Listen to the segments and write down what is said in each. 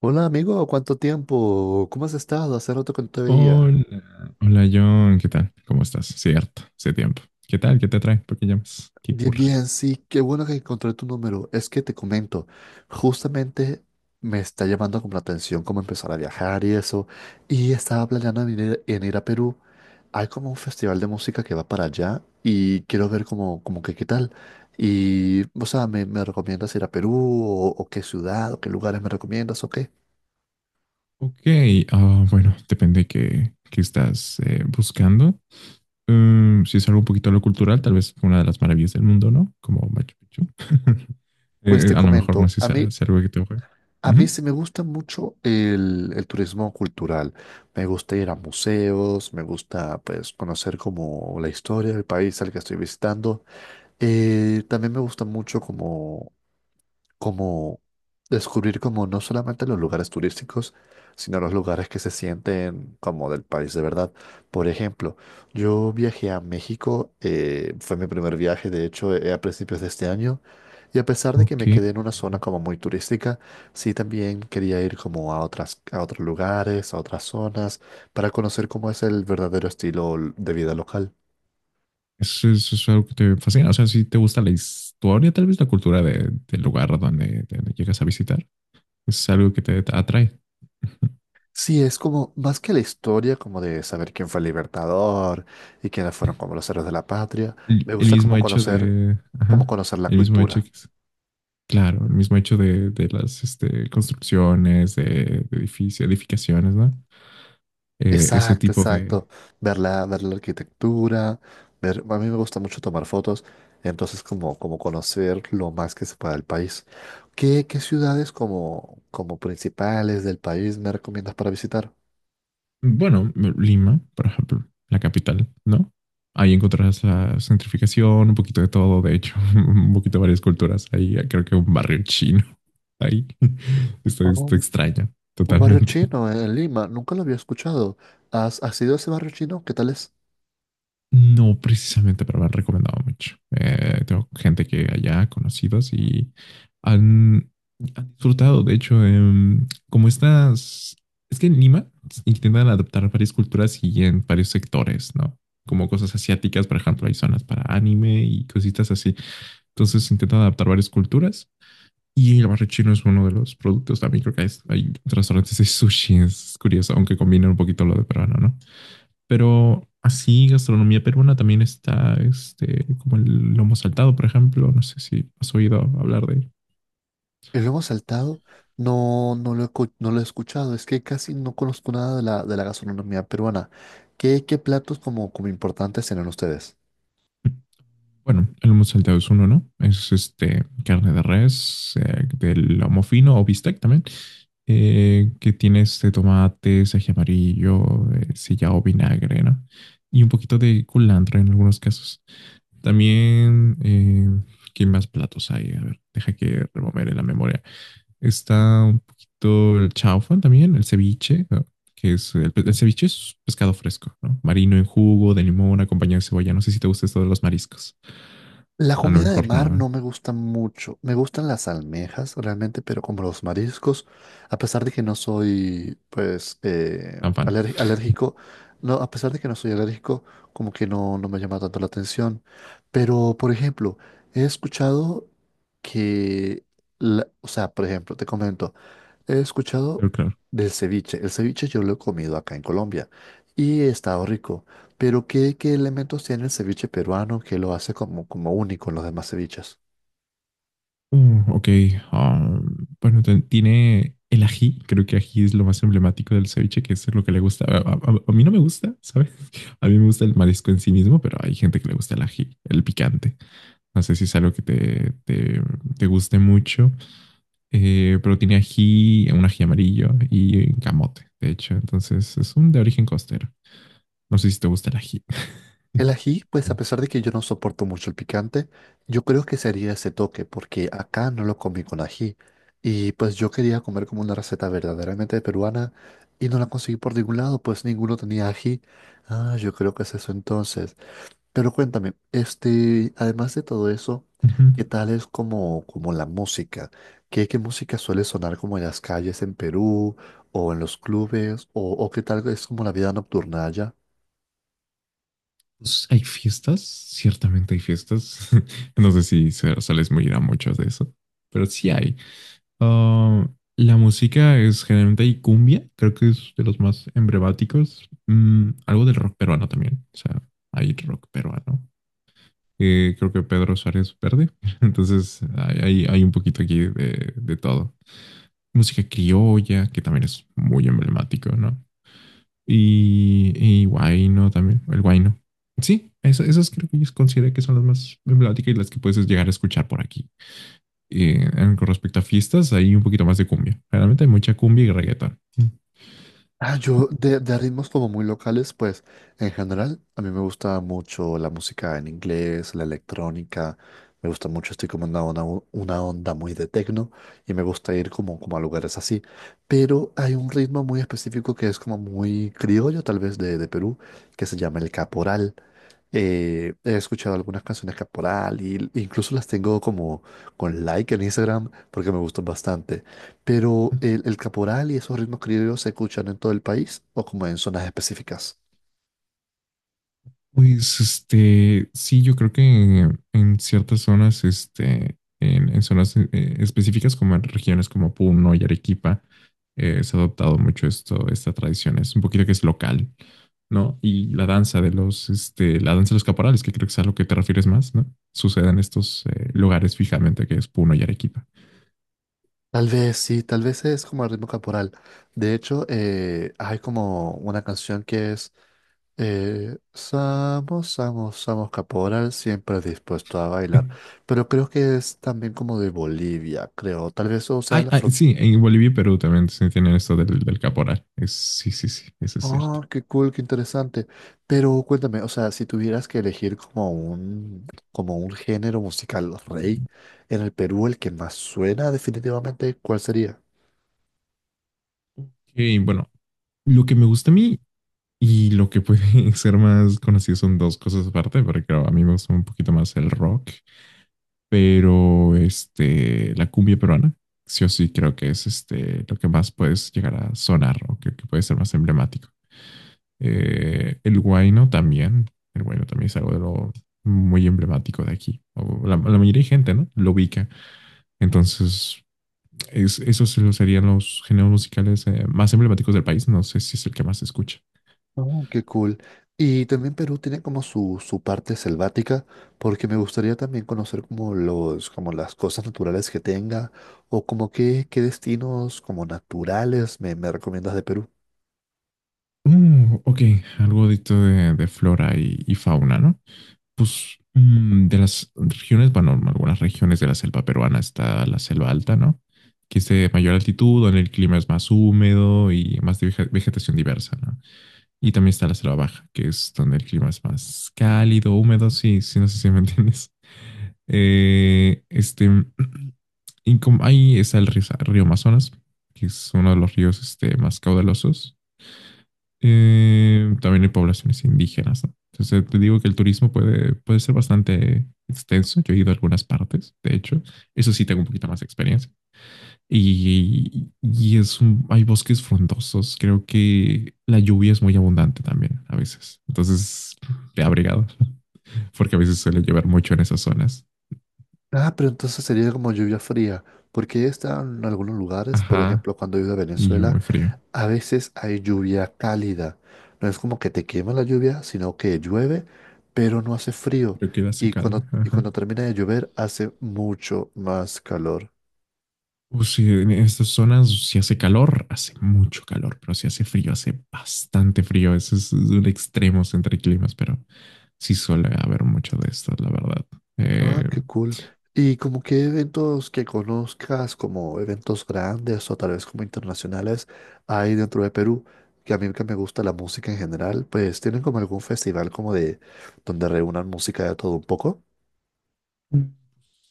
Hola amigo, ¿cuánto tiempo? ¿Cómo has estado? Hace rato que no te veía. Hola, hola John, ¿qué tal? ¿Cómo estás? Cierto, hace tiempo. ¿Qué tal? ¿Qué te trae? ¿Por qué llamas? ¿Qué Bien, ocurre? bien, sí, qué bueno que encontré tu número. Es que te comento, justamente me está llamando como la atención cómo empezar a viajar y eso. Y estaba planeando en ir a Perú. Hay como un festival de música que va para allá y quiero ver como, como que qué tal. Y, o sea, ¿me recomiendas ir a Perú o qué ciudad o qué lugares me recomiendas o qué? Ok, bueno, depende qué estás buscando. Si es algo un poquito a lo cultural, tal vez una de las maravillas del mundo, ¿no? Como Machu Picchu. Pues te a lo mejor no comento, sé si a mí sea algo que te ocurre. A mí Ujú. sí me gusta mucho el turismo cultural. Me gusta ir a museos, me gusta pues conocer como la historia del país al que estoy visitando. También me gusta mucho como descubrir como no solamente los lugares turísticos, sino los lugares que se sienten como del país de verdad. Por ejemplo, yo viajé a México, fue mi primer viaje, de hecho, a principios de este año, y a pesar de que Ok, me quedé en una zona como muy turística, sí también quería ir como a otras, a otros lugares, a otras zonas, para conocer cómo es el verdadero estilo de vida local. Eso es algo que te fascina. O sea, si te gusta la historia, tal vez la cultura del lugar donde llegas a visitar, es algo que te atrae. Sí, es como más que la historia, como de saber quién fue el libertador y quiénes fueron como los héroes de la patria. Me El gusta mismo hecho de, como ajá, conocer la el mismo hecho cultura. Claro, el mismo hecho de las construcciones, de edificios, edificaciones, ¿no? Eh, ese Exacto, tipo de, exacto. Ver la arquitectura, ver, a mí me gusta mucho tomar fotos, entonces como, como conocer lo más que se pueda del país. ¿Qué, qué ciudades como, como principales del país me recomiendas para visitar? bueno, Lima, por ejemplo, la capital, ¿no? Ahí encontrarás la gentrificación, un poquito de todo, de hecho, un poquito de varias culturas. Ahí creo que un barrio chino, ahí está, está Oh, extraño, un barrio totalmente. chino en Lima, nunca lo había escuchado. ¿Has, has ido a ese barrio chino? ¿Qué tal es? No precisamente, pero me han recomendado mucho. Tengo gente que allá, conocidos, y han, han disfrutado. De hecho, como estas, es que en Lima intentan adaptar varias culturas y en varios sectores, ¿no? Como cosas asiáticas, por ejemplo, hay zonas para anime y cositas así. Entonces intentan adaptar varias culturas. Y el barrio chino es uno de los productos. También creo que hay restaurantes de sushi. Es curioso, aunque combina un poquito lo de peruano, ¿no? Pero así, gastronomía peruana también está, este, como el lomo saltado, por ejemplo. No sé si has oído hablar de él. El lomo saltado no, no lo he escuchado, es que casi no conozco nada de la, de la gastronomía peruana. ¿Qué, qué platos como, como importantes tienen ustedes? Bueno, el lomo saltado es uno, ¿no? Es este, carne de res, del lomo fino o bistec también, que tiene este tomate, ají amarillo, sillao, vinagre, ¿no? Y un poquito de culantro en algunos casos. También, ¿qué más platos hay? A ver, deja que rememore la memoria. Está un poquito el chaufa también, el ceviche, ¿no? Que es el ceviche es pescado fresco, ¿no? Marino en jugo, de limón, acompañado de cebolla. No sé si te gusta esto de los mariscos. La A lo comida de mejor mar no, ¿eh? no me gusta mucho. Me gustan las almejas realmente, pero como los mariscos, a pesar de que no soy, pues, Tan fan. Alérgico, no, a pesar de que no soy alérgico, como que no, no me llama tanto la atención. Pero, por ejemplo, he escuchado que, o sea, por ejemplo, te comento. He escuchado Pero claro. del ceviche. El ceviche yo lo he comido acá en Colombia y he estado rico. Pero ¿qué, qué elementos tiene el ceviche peruano que lo hace como, como único en los demás ceviches? Mm, ok. ah, bueno, tiene el ají. Creo que ají es lo más emblemático del ceviche, que es lo que le gusta. A mí no me gusta, ¿sabes? A mí me gusta el marisco en sí mismo, pero hay gente que le gusta el ají, el picante. No sé si es algo que te guste mucho. Pero tiene ají, un ají amarillo y camote, de hecho. Entonces es un de origen costero. No sé si te gusta el ají. El ají, pues a pesar de que yo no soporto mucho el picante, yo creo que sería ese toque, porque acá no lo comí con ají. Y pues yo quería comer como una receta verdaderamente peruana y no la conseguí por ningún lado, pues ninguno tenía ají. Ah, yo creo que es eso entonces. Pero cuéntame, este, además de todo eso, Ujú. ¿qué tal es como, como la música? ¿Qué, qué música suele sonar como en las calles en Perú o en los clubes? O qué tal es como la vida nocturna allá? Pues, hay fiestas, ciertamente hay fiestas. No sé si sales muy ir a muchas de eso, pero sí hay. Ah, la música es generalmente hay cumbia, creo que es de los más emblemáticos. Algo del rock peruano también. O sea, hay rock peruano. Creo que Pedro Suárez Verde. Entonces hay un poquito aquí de todo. Música criolla, que también es muy emblemático, ¿no? Y guayno también, el guayno. Sí, esas creo que yo considero que son las más emblemáticas y las que puedes llegar a escuchar por aquí. Con respecto a fiestas, hay un poquito más de cumbia. Realmente hay mucha cumbia y reggaetón. Ah, yo de ritmos como muy locales, pues en general a mí me gusta mucho la música en inglés, la electrónica, me gusta mucho, estoy como en una onda, una onda muy de techno y me gusta ir como, como a lugares así. Pero hay un ritmo muy específico que es como muy criollo, tal vez de Perú, que se llama el caporal. He escuchado algunas canciones caporal y incluso las tengo como con like en Instagram porque me gustan bastante. Pero el caporal y esos ritmos criollos se escuchan en todo el país o como en zonas específicas. Pues, este, sí, yo creo que en ciertas zonas, este, en zonas específicas como en regiones como Puno y Arequipa, se ha adoptado mucho esta tradición. Es un poquito que es local, ¿no? Y la danza de los, este, la danza de los caporales, que creo que es a lo que te refieres más, ¿no? Sucede en estos lugares fijamente que es Puno y Arequipa. Tal vez sí, tal vez es como el ritmo caporal. De hecho, hay como una canción que es Samos, Samos, Samos Caporal, siempre dispuesto a bailar. Pero creo que es también como de Bolivia, creo. Tal vez o sea Ay, la ay, fron- sí, en Bolivia y Perú también se tienen esto del caporal. Es, sí, sí, sí, eso es Ah, cierto. qué cool, qué interesante. Pero cuéntame, o sea, si tuvieras que elegir como un género musical rey en el Perú, el que más suena definitivamente, ¿cuál sería? Ok, bueno, lo que me gusta a mí y lo que puede ser más conocido son dos cosas aparte, porque claro, a mí me gusta un poquito más el rock, pero este, la cumbia peruana, sí o sí creo que es este, lo que más puedes llegar a sonar o que puede ser más emblemático. El huayno también es algo de lo muy emblemático de aquí, o la mayoría de gente, ¿no? Lo ubica. Entonces, esos serían los géneros musicales más emblemáticos del país, no sé si es el que más se escucha. Oh, qué cool. Y también Perú tiene como su parte selvática, porque me gustaría también conocer como los, como las cosas naturales que tenga, o como qué, qué destinos como naturales me, me recomiendas de Perú. Ok, algo de, esto de flora y fauna, ¿no? Pues de las regiones, bueno, algunas regiones de la selva peruana está la selva alta, ¿no? Que es de mayor altitud, donde el clima es más húmedo y más de vegetación diversa, ¿no? Y también está la selva baja, que es donde el clima es más cálido, húmedo, sí, sí, no sé si me entiendes. Eh, este, y como ahí está el río Amazonas, que es uno de los ríos este, más caudalosos, también hay poblaciones indígenas, ¿no? Entonces te digo que el turismo puede ser bastante extenso. Yo he ido a algunas partes, de hecho. Eso sí tengo un poquito más de experiencia. Y es hay bosques frondosos. Creo que la lluvia es muy abundante también a veces. Entonces, te abrigado, porque a veces suele llover mucho en esas zonas. Ah, pero entonces sería como lluvia fría, porque está en algunos lugares, por Ajá, ejemplo, cuando he ido a y Venezuela, muy frío. a veces hay lluvia cálida. No es como que te quema la lluvia, sino que llueve, pero no hace frío. Pero queda secado. Y cuando termina de llover, hace mucho más calor. Sí, en estas zonas si hace calor, hace mucho calor, pero si hace frío, hace bastante frío. Eso es un extremo entre climas, pero sí suele haber mucho de estas, la verdad. Ah, Eh, qué cool. Y como que eventos que conozcas, como eventos grandes o tal vez como internacionales, hay dentro de Perú, que a mí que me gusta la música en general, pues tienen como algún festival como de donde reúnan música de todo un poco.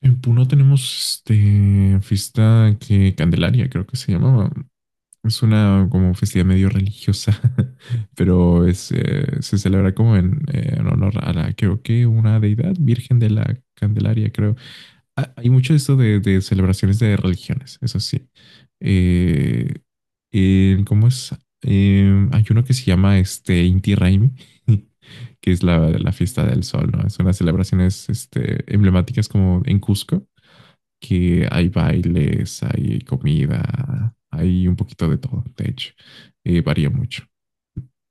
en Puno tenemos este fiesta que Candelaria, creo que se llamaba. Es una como festividad medio religiosa, pero es, se celebra como en honor a la, creo que una deidad, Virgen de la Candelaria, creo. Hay mucho esto de celebraciones de religiones, eso sí. Eh, ¿Cómo es? Hay uno que se llama este Inti Raymi, que es la fiesta del sol, ¿no? Son las celebraciones este, emblemáticas como en Cusco, que hay bailes, hay comida, hay un poquito de todo, de hecho. Varía mucho.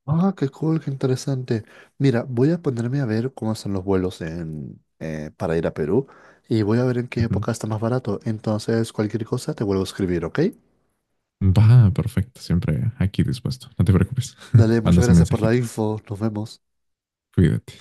Ah, qué cool, qué interesante. Mira, voy a ponerme a ver cómo están los vuelos en, para ir a Perú y voy a ver en qué Ujú. época está más barato. Entonces, cualquier cosa te vuelvo a escribir, ¿ok? Va, perfecto. Siempre aquí dispuesto. No te preocupes. Dale, muchas Mandas un gracias por la mensajito. info. Nos vemos. Cuídate.